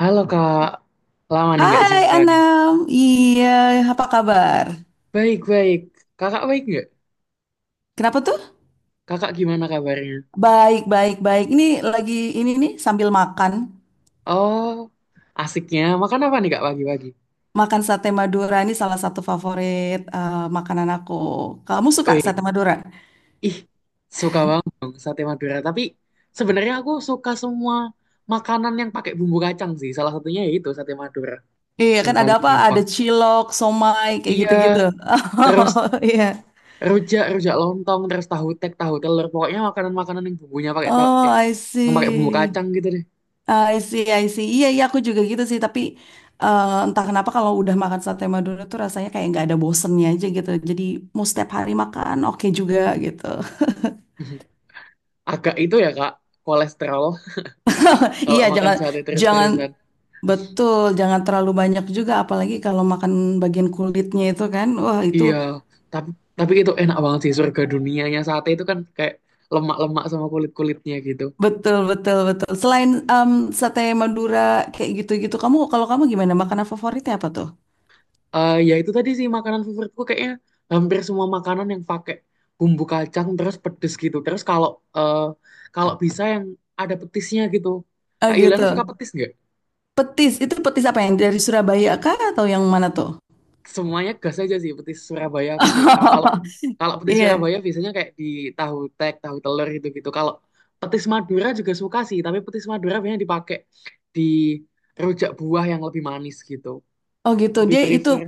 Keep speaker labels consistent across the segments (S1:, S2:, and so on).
S1: Halo kak, lama nih nggak
S2: Hai
S1: jumpa nih.
S2: Anam, iya apa kabar?
S1: Baik baik, kakak baik nggak?
S2: Kenapa tuh?
S1: Kakak gimana kabarnya?
S2: Baik, baik, baik. Lagi ini nih sambil makan.
S1: Oh, asiknya. Makan apa nih kak pagi-pagi?
S2: Makan sate Madura ini salah satu favorit makanan aku. Kamu suka
S1: Wih,
S2: sate Madura?
S1: ih, suka banget dong sate Madura. Tapi sebenarnya aku suka semua makanan yang pakai bumbu kacang sih. Salah satunya ya itu sate Madura
S2: Iya
S1: yang
S2: kan ada
S1: paling
S2: apa? Ada
S1: gampang.
S2: cilok, somai, kayak
S1: Iya,
S2: gitu-gitu.
S1: terus
S2: Oh iya.
S1: rujak, rujak lontong, terus tahu tek, tahu telur. Pokoknya makanan-makanan yang bumbunya pakai tahu,
S2: Oh,
S1: eh,
S2: I
S1: yang pakai bumbu
S2: see.
S1: kacang gitu deh.
S2: Ah, I see, I see. Iya, iya, aku juga gitu sih. Tapi entah kenapa kalau udah makan sate Madura tuh rasanya kayak nggak ada bosennya aja gitu. Jadi mau setiap hari makan, oke juga gitu.
S1: Agak itu ya kak, kolesterol kalau
S2: Iya,
S1: makan
S2: jangan,
S1: sate
S2: jangan,
S1: terus-terusan.
S2: betul, jangan terlalu banyak juga. Apalagi kalau makan bagian kulitnya itu kan, wah itu
S1: Iya, tapi tapi itu enak banget sih, surga dunianya sate itu kan kayak lemak-lemak sama kulit-kulitnya gitu.
S2: betul, betul, betul. Selain sate Madura kayak gitu-gitu, kalau kamu gimana? Makanan favoritnya apa tuh?
S1: Eh ya itu tadi sih makanan favoritku kayaknya hampir semua makanan yang pakai bumbu kacang terus pedes gitu. Terus eh, kalau bisa yang ada petisnya gitu.
S2: Oh
S1: Kak
S2: gitu.
S1: Yuliana suka petis nggak?
S2: Petis, itu petis apa yang dari Surabaya kah atau yang mana tuh?
S1: Semuanya gas aja sih, petis Surabaya aku suka. kalau kalau petis
S2: Iya.
S1: Surabaya biasanya kayak di tahu tek, tahu telur gitu gitu. Kalau petis Madura juga suka sih, tapi petis Madura biasanya dipakai di rujak buah yang lebih manis gitu.
S2: Oh gitu.
S1: Lebih
S2: Dia itu
S1: prefer,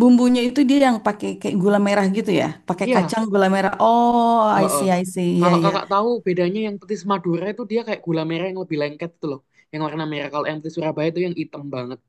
S2: bumbunya itu dia yang pakai kayak gula merah gitu ya. Pakai
S1: iya,
S2: kacang gula merah. Oh, I
S1: heeh.
S2: see, I see. Iya,
S1: Kalau
S2: iya.
S1: kakak tahu bedanya, yang petis Madura itu dia kayak gula merah yang lebih lengket itu loh, yang warna merah. Kalau yang petis Surabaya itu yang hitam banget.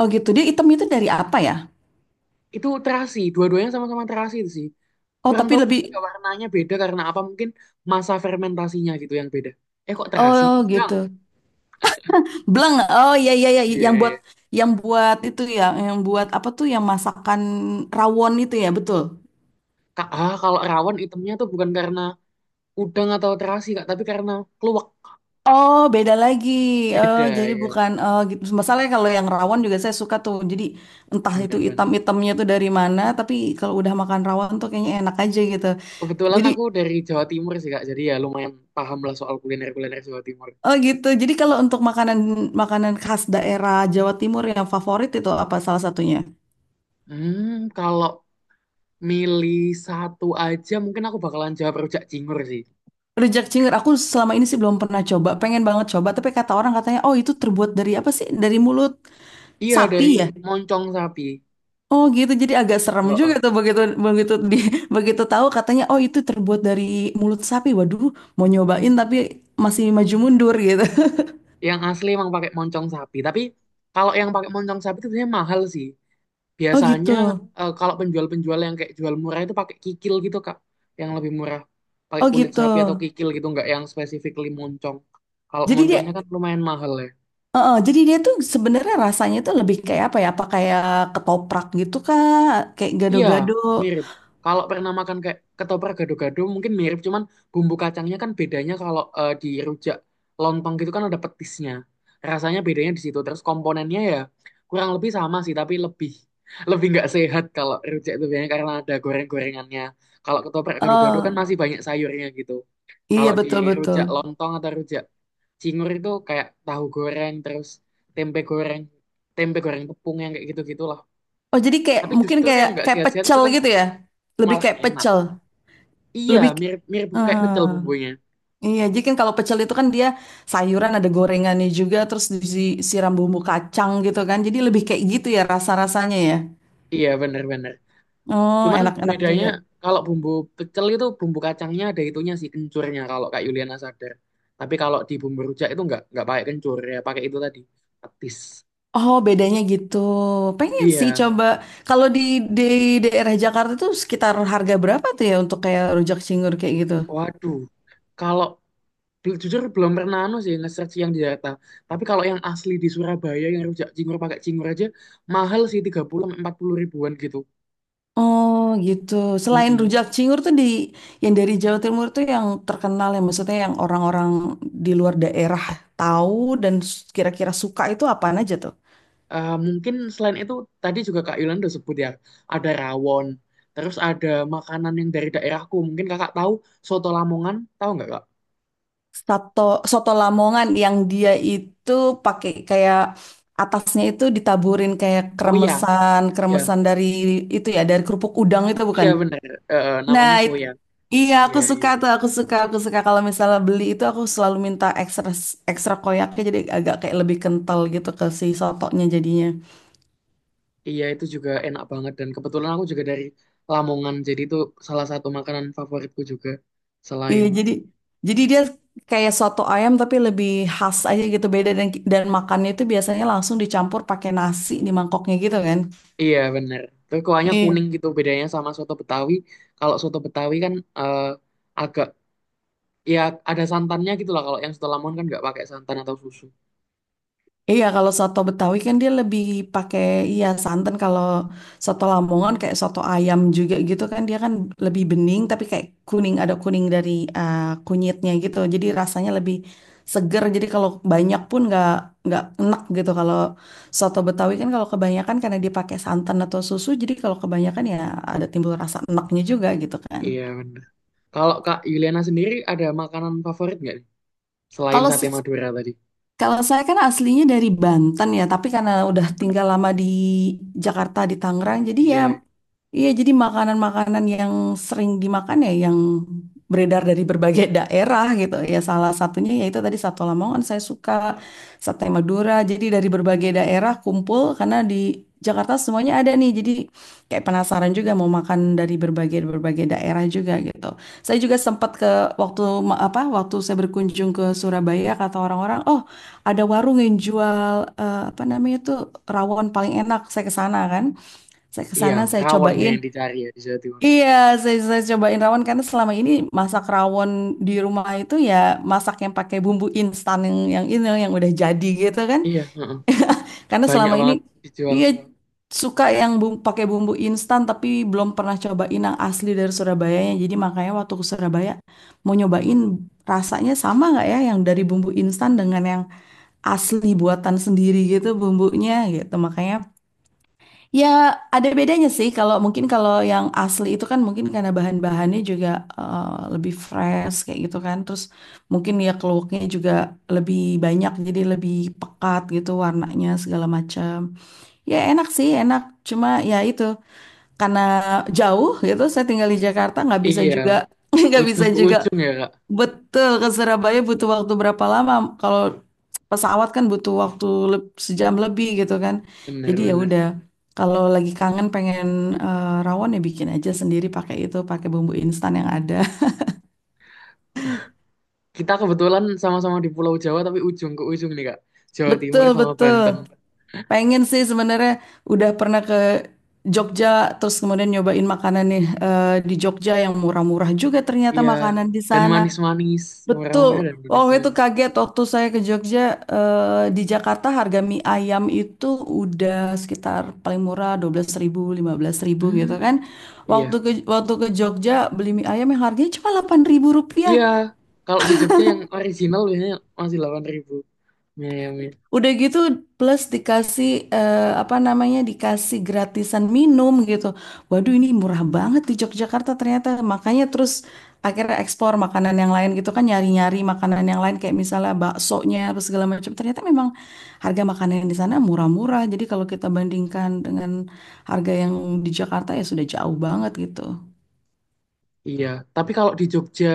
S2: Oh gitu. Dia hitam itu dari apa ya?
S1: Itu terasi, dua-duanya sama-sama terasi itu sih.
S2: Oh,
S1: Kurang
S2: tapi
S1: tahu
S2: lebih.
S1: juga ya warnanya beda karena apa, mungkin masa fermentasinya gitu yang beda. Eh kok terasi
S2: Oh
S1: udang?
S2: gitu. Bleng. Oh iya, iya, iya,
S1: Iya,
S2: yang
S1: iya,
S2: buat
S1: iya.
S2: itu ya, yang buat apa tuh yang masakan rawon itu ya, betul.
S1: Kalau rawon itemnya tuh bukan karena udang atau terasi Kak, tapi karena keluak.
S2: Oh, beda lagi. Oh,
S1: Beda
S2: jadi
S1: ya.
S2: bukan, oh gitu. Masalahnya kalau yang rawon juga saya suka tuh. Jadi entah itu
S1: Bener, bener.
S2: hitam-hitamnya tuh dari mana, tapi kalau udah makan rawon tuh kayaknya enak aja gitu.
S1: Kebetulan
S2: Jadi
S1: aku dari Jawa Timur sih Kak, jadi ya lumayan paham lah soal kuliner-kuliner Jawa Timur.
S2: oh gitu. Jadi kalau untuk makanan makanan khas daerah Jawa Timur yang favorit itu apa salah satunya?
S1: Hmm, kalau milih satu aja mungkin aku bakalan jawab rujak cingur sih.
S2: Rujak cingur. Aku selama ini sih belum pernah coba. Pengen banget coba, tapi kata orang katanya, oh itu terbuat dari apa sih? Dari mulut
S1: Iya,
S2: sapi
S1: dari
S2: ya?
S1: moncong sapi.
S2: Oh gitu. Jadi agak serem juga
S1: Heeh.
S2: tuh begitu begitu di begitu tahu katanya, oh itu terbuat dari mulut sapi. Waduh, mau nyobain tapi masih maju mundur gitu.
S1: Yang asli emang pakai moncong sapi. Tapi kalau yang pakai moncong sapi itu biasanya mahal sih.
S2: Oh gitu.
S1: Biasanya kalau penjual-penjual yang kayak jual murah itu pakai kikil gitu, Kak. Yang lebih murah. Pakai
S2: Oh
S1: kulit
S2: gitu.
S1: sapi atau kikil gitu, nggak yang spesifik moncong. Kalau
S2: Jadi dia
S1: moncongnya kan lumayan mahal ya.
S2: Heeh, jadi dia tuh sebenarnya rasanya tuh lebih kayak apa ya? Apa kayak ketoprak gitu kah? Kayak
S1: Iya,
S2: gado-gado.
S1: mirip. Kalau pernah makan kayak ketoprak gado-gado mungkin mirip, cuman bumbu kacangnya kan bedanya kalau di rujak lontong gitu kan ada petisnya. Rasanya bedanya di situ. Terus komponennya ya kurang lebih sama sih, tapi lebih lebih nggak sehat kalau rujak itu biasanya karena ada goreng-gorengannya. Kalau ketoprak gado-gado kan
S2: Oh,
S1: masih banyak sayurnya gitu.
S2: iya,
S1: Kalau di
S2: betul-betul.
S1: rujak lontong atau rujak cingur itu kayak tahu goreng, terus tempe goreng, tempe goreng tepung yang kayak gitu-gitulah.
S2: Oh, jadi kayak
S1: Tapi
S2: mungkin
S1: justru yang
S2: kayak
S1: nggak
S2: kayak
S1: sehat-sehat itu
S2: pecel
S1: kan
S2: gitu ya? Lebih
S1: malah
S2: kayak
S1: enak.
S2: pecel.
S1: Iya,
S2: Lebih
S1: mirip mirip kayak pecel
S2: Hmm,
S1: bumbunya.
S2: iya, jadi kan kalau pecel itu kan dia sayuran ada gorengannya juga terus disiram bumbu kacang gitu kan. Jadi lebih kayak gitu ya rasa-rasanya ya.
S1: Iya, bener-bener.
S2: Oh,
S1: Cuman
S2: enak-enak
S1: bedanya
S2: juga.
S1: kalau bumbu pecel itu bumbu kacangnya ada itunya sih, kencurnya, kalau Kak Yuliana sadar. Tapi kalau di bumbu rujak itu nggak pakai kencur ya, pakai itu tadi, petis.
S2: Oh, bedanya gitu. Pengen sih
S1: Iya,
S2: coba kalau di daerah Jakarta tuh sekitar harga berapa tuh ya untuk kayak rujak cingur kayak gitu?
S1: waduh. Kalau jujur belum pernah anu sih nge-search yang di Jakarta. Tapi kalau yang asli di Surabaya yang rujak cingur pakai cingur aja mahal sih, 30 sampai 40 ribuan gitu.
S2: Oh, gitu. Selain
S1: Mm-mm.
S2: rujak cingur tuh yang dari Jawa Timur tuh yang terkenal ya, maksudnya yang orang-orang di luar daerah tahu dan kira-kira suka itu apaan aja tuh?
S1: Eh, mungkin selain itu tadi juga Kak Yolanda sebut ya, ada rawon, terus ada makanan yang dari daerahku mungkin kakak tahu, soto Lamongan, tahu nggak kak?
S2: Soto soto Lamongan yang dia itu pakai kayak atasnya itu ditaburin kayak
S1: Koya,
S2: kremesan,
S1: iya,
S2: dari itu ya, dari kerupuk udang itu
S1: iya
S2: bukan?
S1: benar. Eh, eh,
S2: Nah,
S1: namanya Koya.
S2: iya
S1: Iya,
S2: aku
S1: iya,
S2: suka tuh, aku suka kalau misalnya beli itu aku selalu minta ekstra, koyaknya jadi agak kayak lebih kental gitu ke si sotonya jadinya.
S1: iya itu juga enak banget, dan kebetulan aku juga dari Lamongan jadi itu salah satu makanan favoritku juga selain,
S2: Iya, jadi dia kayak soto ayam tapi lebih khas aja gitu beda, dan makannya itu biasanya langsung dicampur pakai nasi di mangkoknya gitu kan.
S1: iya benar, tapi kuahnya
S2: Iya.
S1: kuning gitu bedanya sama soto Betawi. Kalau soto Betawi kan agak, ya, ada santannya gitu lah. Kalau yang soto Lamongan kan nggak pakai santan atau susu.
S2: Iya, kalau soto Betawi kan dia lebih pakai, iya, santan. Kalau soto Lamongan kayak soto ayam juga gitu kan, dia kan lebih bening tapi kayak kuning, ada kuning dari eh, kunyitnya gitu. Jadi rasanya lebih seger. Jadi kalau banyak pun nggak enak gitu. Kalau soto Betawi kan kalau kebanyakan karena dia pakai santan atau susu, jadi kalau kebanyakan ya ada timbul rasa enaknya juga gitu kan.
S1: Iya benar. Kalau Kak Yuliana sendiri ada makanan favorit nggak nih? Selain
S2: Kalau
S1: sate
S2: se-
S1: Madura tadi.
S2: Kalau saya kan aslinya dari Banten ya, tapi karena udah tinggal lama di Jakarta, di Tangerang, jadi ya,
S1: Iya,
S2: iya, jadi makanan-makanan yang sering dimakan ya yang beredar dari berbagai daerah gitu. Ya salah satunya yaitu tadi Soto Lamongan saya suka, sate Madura. Jadi dari berbagai daerah kumpul karena di Jakarta semuanya ada nih. Jadi kayak penasaran juga mau makan dari berbagai berbagai daerah juga gitu. Saya juga sempat ke apa waktu saya berkunjung ke Surabaya kata orang-orang, "Oh, ada warung yang jual apa namanya itu rawon paling enak." Saya ke sana kan. Saya ke
S1: iya,
S2: sana, saya
S1: rawon
S2: cobain.
S1: yang dicari ya di Jawa Timur.
S2: Iya, saya cobain rawon karena selama ini masak rawon di rumah itu ya masak yang pakai bumbu instan yang ini yang udah jadi gitu kan.
S1: Iya, heeh.
S2: Karena
S1: Banyak
S2: selama ini
S1: banget dijual.
S2: iya suka yang pakai bumbu instan tapi belum pernah cobain yang asli dari Surabayanya. Jadi makanya waktu ke Surabaya mau nyobain rasanya sama nggak ya yang dari bumbu instan dengan yang asli buatan sendiri gitu bumbunya gitu. Makanya ya, ada bedanya sih. Kalau yang asli itu kan mungkin karena bahan-bahannya juga eh, lebih fresh kayak gitu kan. Terus mungkin ya keluaknya juga lebih banyak jadi lebih pekat gitu warnanya segala macam. Ya enak sih, enak. Cuma ya itu karena jauh gitu. Saya tinggal di Jakarta nggak bisa
S1: Iya,
S2: juga nggak
S1: ujung
S2: bisa
S1: ke
S2: juga,
S1: ujung ya Kak.
S2: betul, ke Surabaya butuh waktu berapa lama? Kalau pesawat kan butuh waktu sejam lebih gitu kan. Jadi ya
S1: Bener-bener.
S2: udah, kalau lagi kangen pengen rawon ya bikin aja sendiri pakai itu, pakai bumbu instan yang ada.
S1: Kita kebetulan sama-sama di Pulau Jawa tapi ujung ke ujung nih Kak. Jawa Timur
S2: Betul,
S1: sama
S2: betul.
S1: Banten.
S2: Pengen sih sebenarnya udah pernah ke Jogja terus kemudian nyobain makanan nih di Jogja yang murah-murah juga ternyata
S1: Iya,
S2: makanan di
S1: dan
S2: sana.
S1: manis-manis,
S2: Betul,
S1: murah-murah dan
S2: waktu itu
S1: manis-manis.
S2: kaget waktu saya ke Jogja, di Jakarta harga mie ayam itu udah sekitar paling murah 12.000, 15.000
S1: Hmm,
S2: gitu kan.
S1: iya,
S2: Waktu ke Jogja beli mie ayam yang harganya cuma Rp8.000.
S1: iya. Kalau di Jogja yang original biasanya masih 8.000. Iya, iya, iya.
S2: Udah gitu plus dikasih, apa namanya, dikasih gratisan minum gitu. Waduh, ini murah banget di Yogyakarta ternyata. Makanya terus akhirnya ekspor makanan yang lain gitu kan, nyari-nyari makanan yang lain kayak misalnya baksonya, apa segala macam. Ternyata memang harga makanan yang di sana murah-murah. Jadi kalau kita bandingkan dengan harga yang di Jakarta ya sudah jauh banget gitu.
S1: Iya, tapi kalau di Jogja,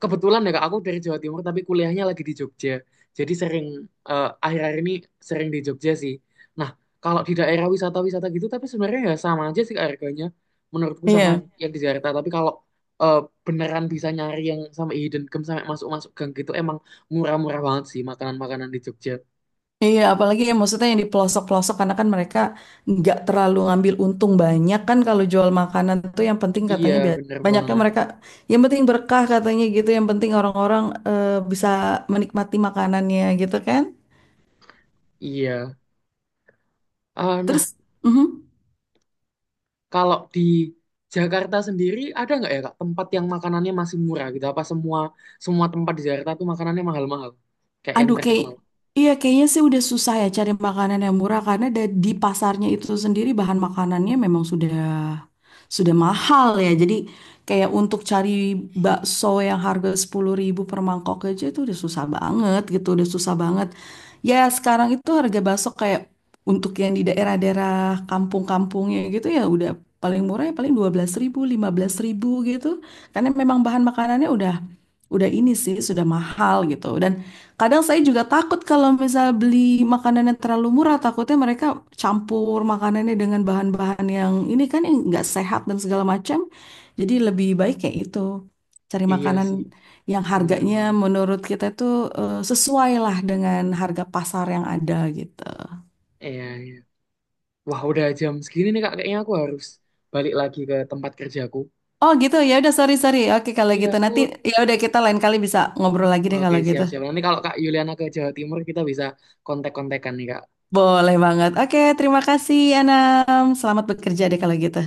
S1: kebetulan ya Kak, aku dari Jawa Timur tapi kuliahnya lagi di Jogja. Jadi sering akhir-akhir ini sering di Jogja sih. Nah, kalau di daerah wisata-wisata gitu tapi sebenarnya ya sama aja sih harganya, menurutku sama
S2: Iya.
S1: yang di Jakarta. Tapi kalau eh, beneran bisa nyari yang sama, hidden gem sampai masuk-masuk gang gitu, emang murah-murah banget sih makanan-makanan di Jogja.
S2: Iya, apalagi ya maksudnya yang di pelosok-pelosok karena kan mereka nggak terlalu ngambil untung banyak kan kalau jual makanan tuh yang penting
S1: Iya,
S2: katanya
S1: bener
S2: banyaknya
S1: banget.
S2: mereka, yang penting berkah katanya gitu, yang penting orang-orang eh, bisa menikmati makanannya gitu kan.
S1: Iya. Eh,
S2: Terus, mhm.
S1: kalau di Jakarta sendiri ada nggak ya Kak tempat yang makanannya masih murah gitu? Apa semua semua tempat di Jakarta tuh makanannya mahal-mahal? Kayak yang
S2: Aduh, kayak,
S1: terkenal.
S2: iya, kayaknya sih udah susah ya cari makanan yang murah karena di pasarnya itu sendiri bahan makanannya memang sudah mahal ya. Jadi kayak untuk cari bakso yang harga 10.000 per mangkok aja itu udah susah banget gitu, udah susah banget. Ya, sekarang itu harga bakso kayak untuk yang di daerah-daerah kampung-kampungnya gitu ya udah paling murah ya paling 12.000, 15.000 gitu. Karena memang bahan makanannya udah ini sih sudah mahal gitu. Dan kadang saya juga takut kalau misal beli makanan yang terlalu murah, takutnya mereka campur makanannya dengan bahan-bahan yang ini kan yang nggak sehat dan segala macam. Jadi lebih baik kayak itu. Cari
S1: Iya
S2: makanan
S1: sih,
S2: yang
S1: bener
S2: harganya
S1: banget.
S2: menurut kita itu sesuai lah dengan harga pasar yang ada gitu.
S1: Iya, iya. Wah, udah jam segini nih Kak, kayaknya aku harus balik lagi ke tempat kerjaku.
S2: Oh gitu, ya udah, sorry, sorry. Oke kalau
S1: Iya,
S2: gitu
S1: aku.
S2: nanti ya udah kita lain kali bisa ngobrol lagi deh
S1: Oke,
S2: kalau gitu.
S1: siap-siap. Nanti kalau Kak Yuliana ke Jawa Timur, kita bisa kontak-kontakan nih, Kak.
S2: Boleh banget. Oke, terima kasih Anam. Selamat bekerja deh kalau gitu.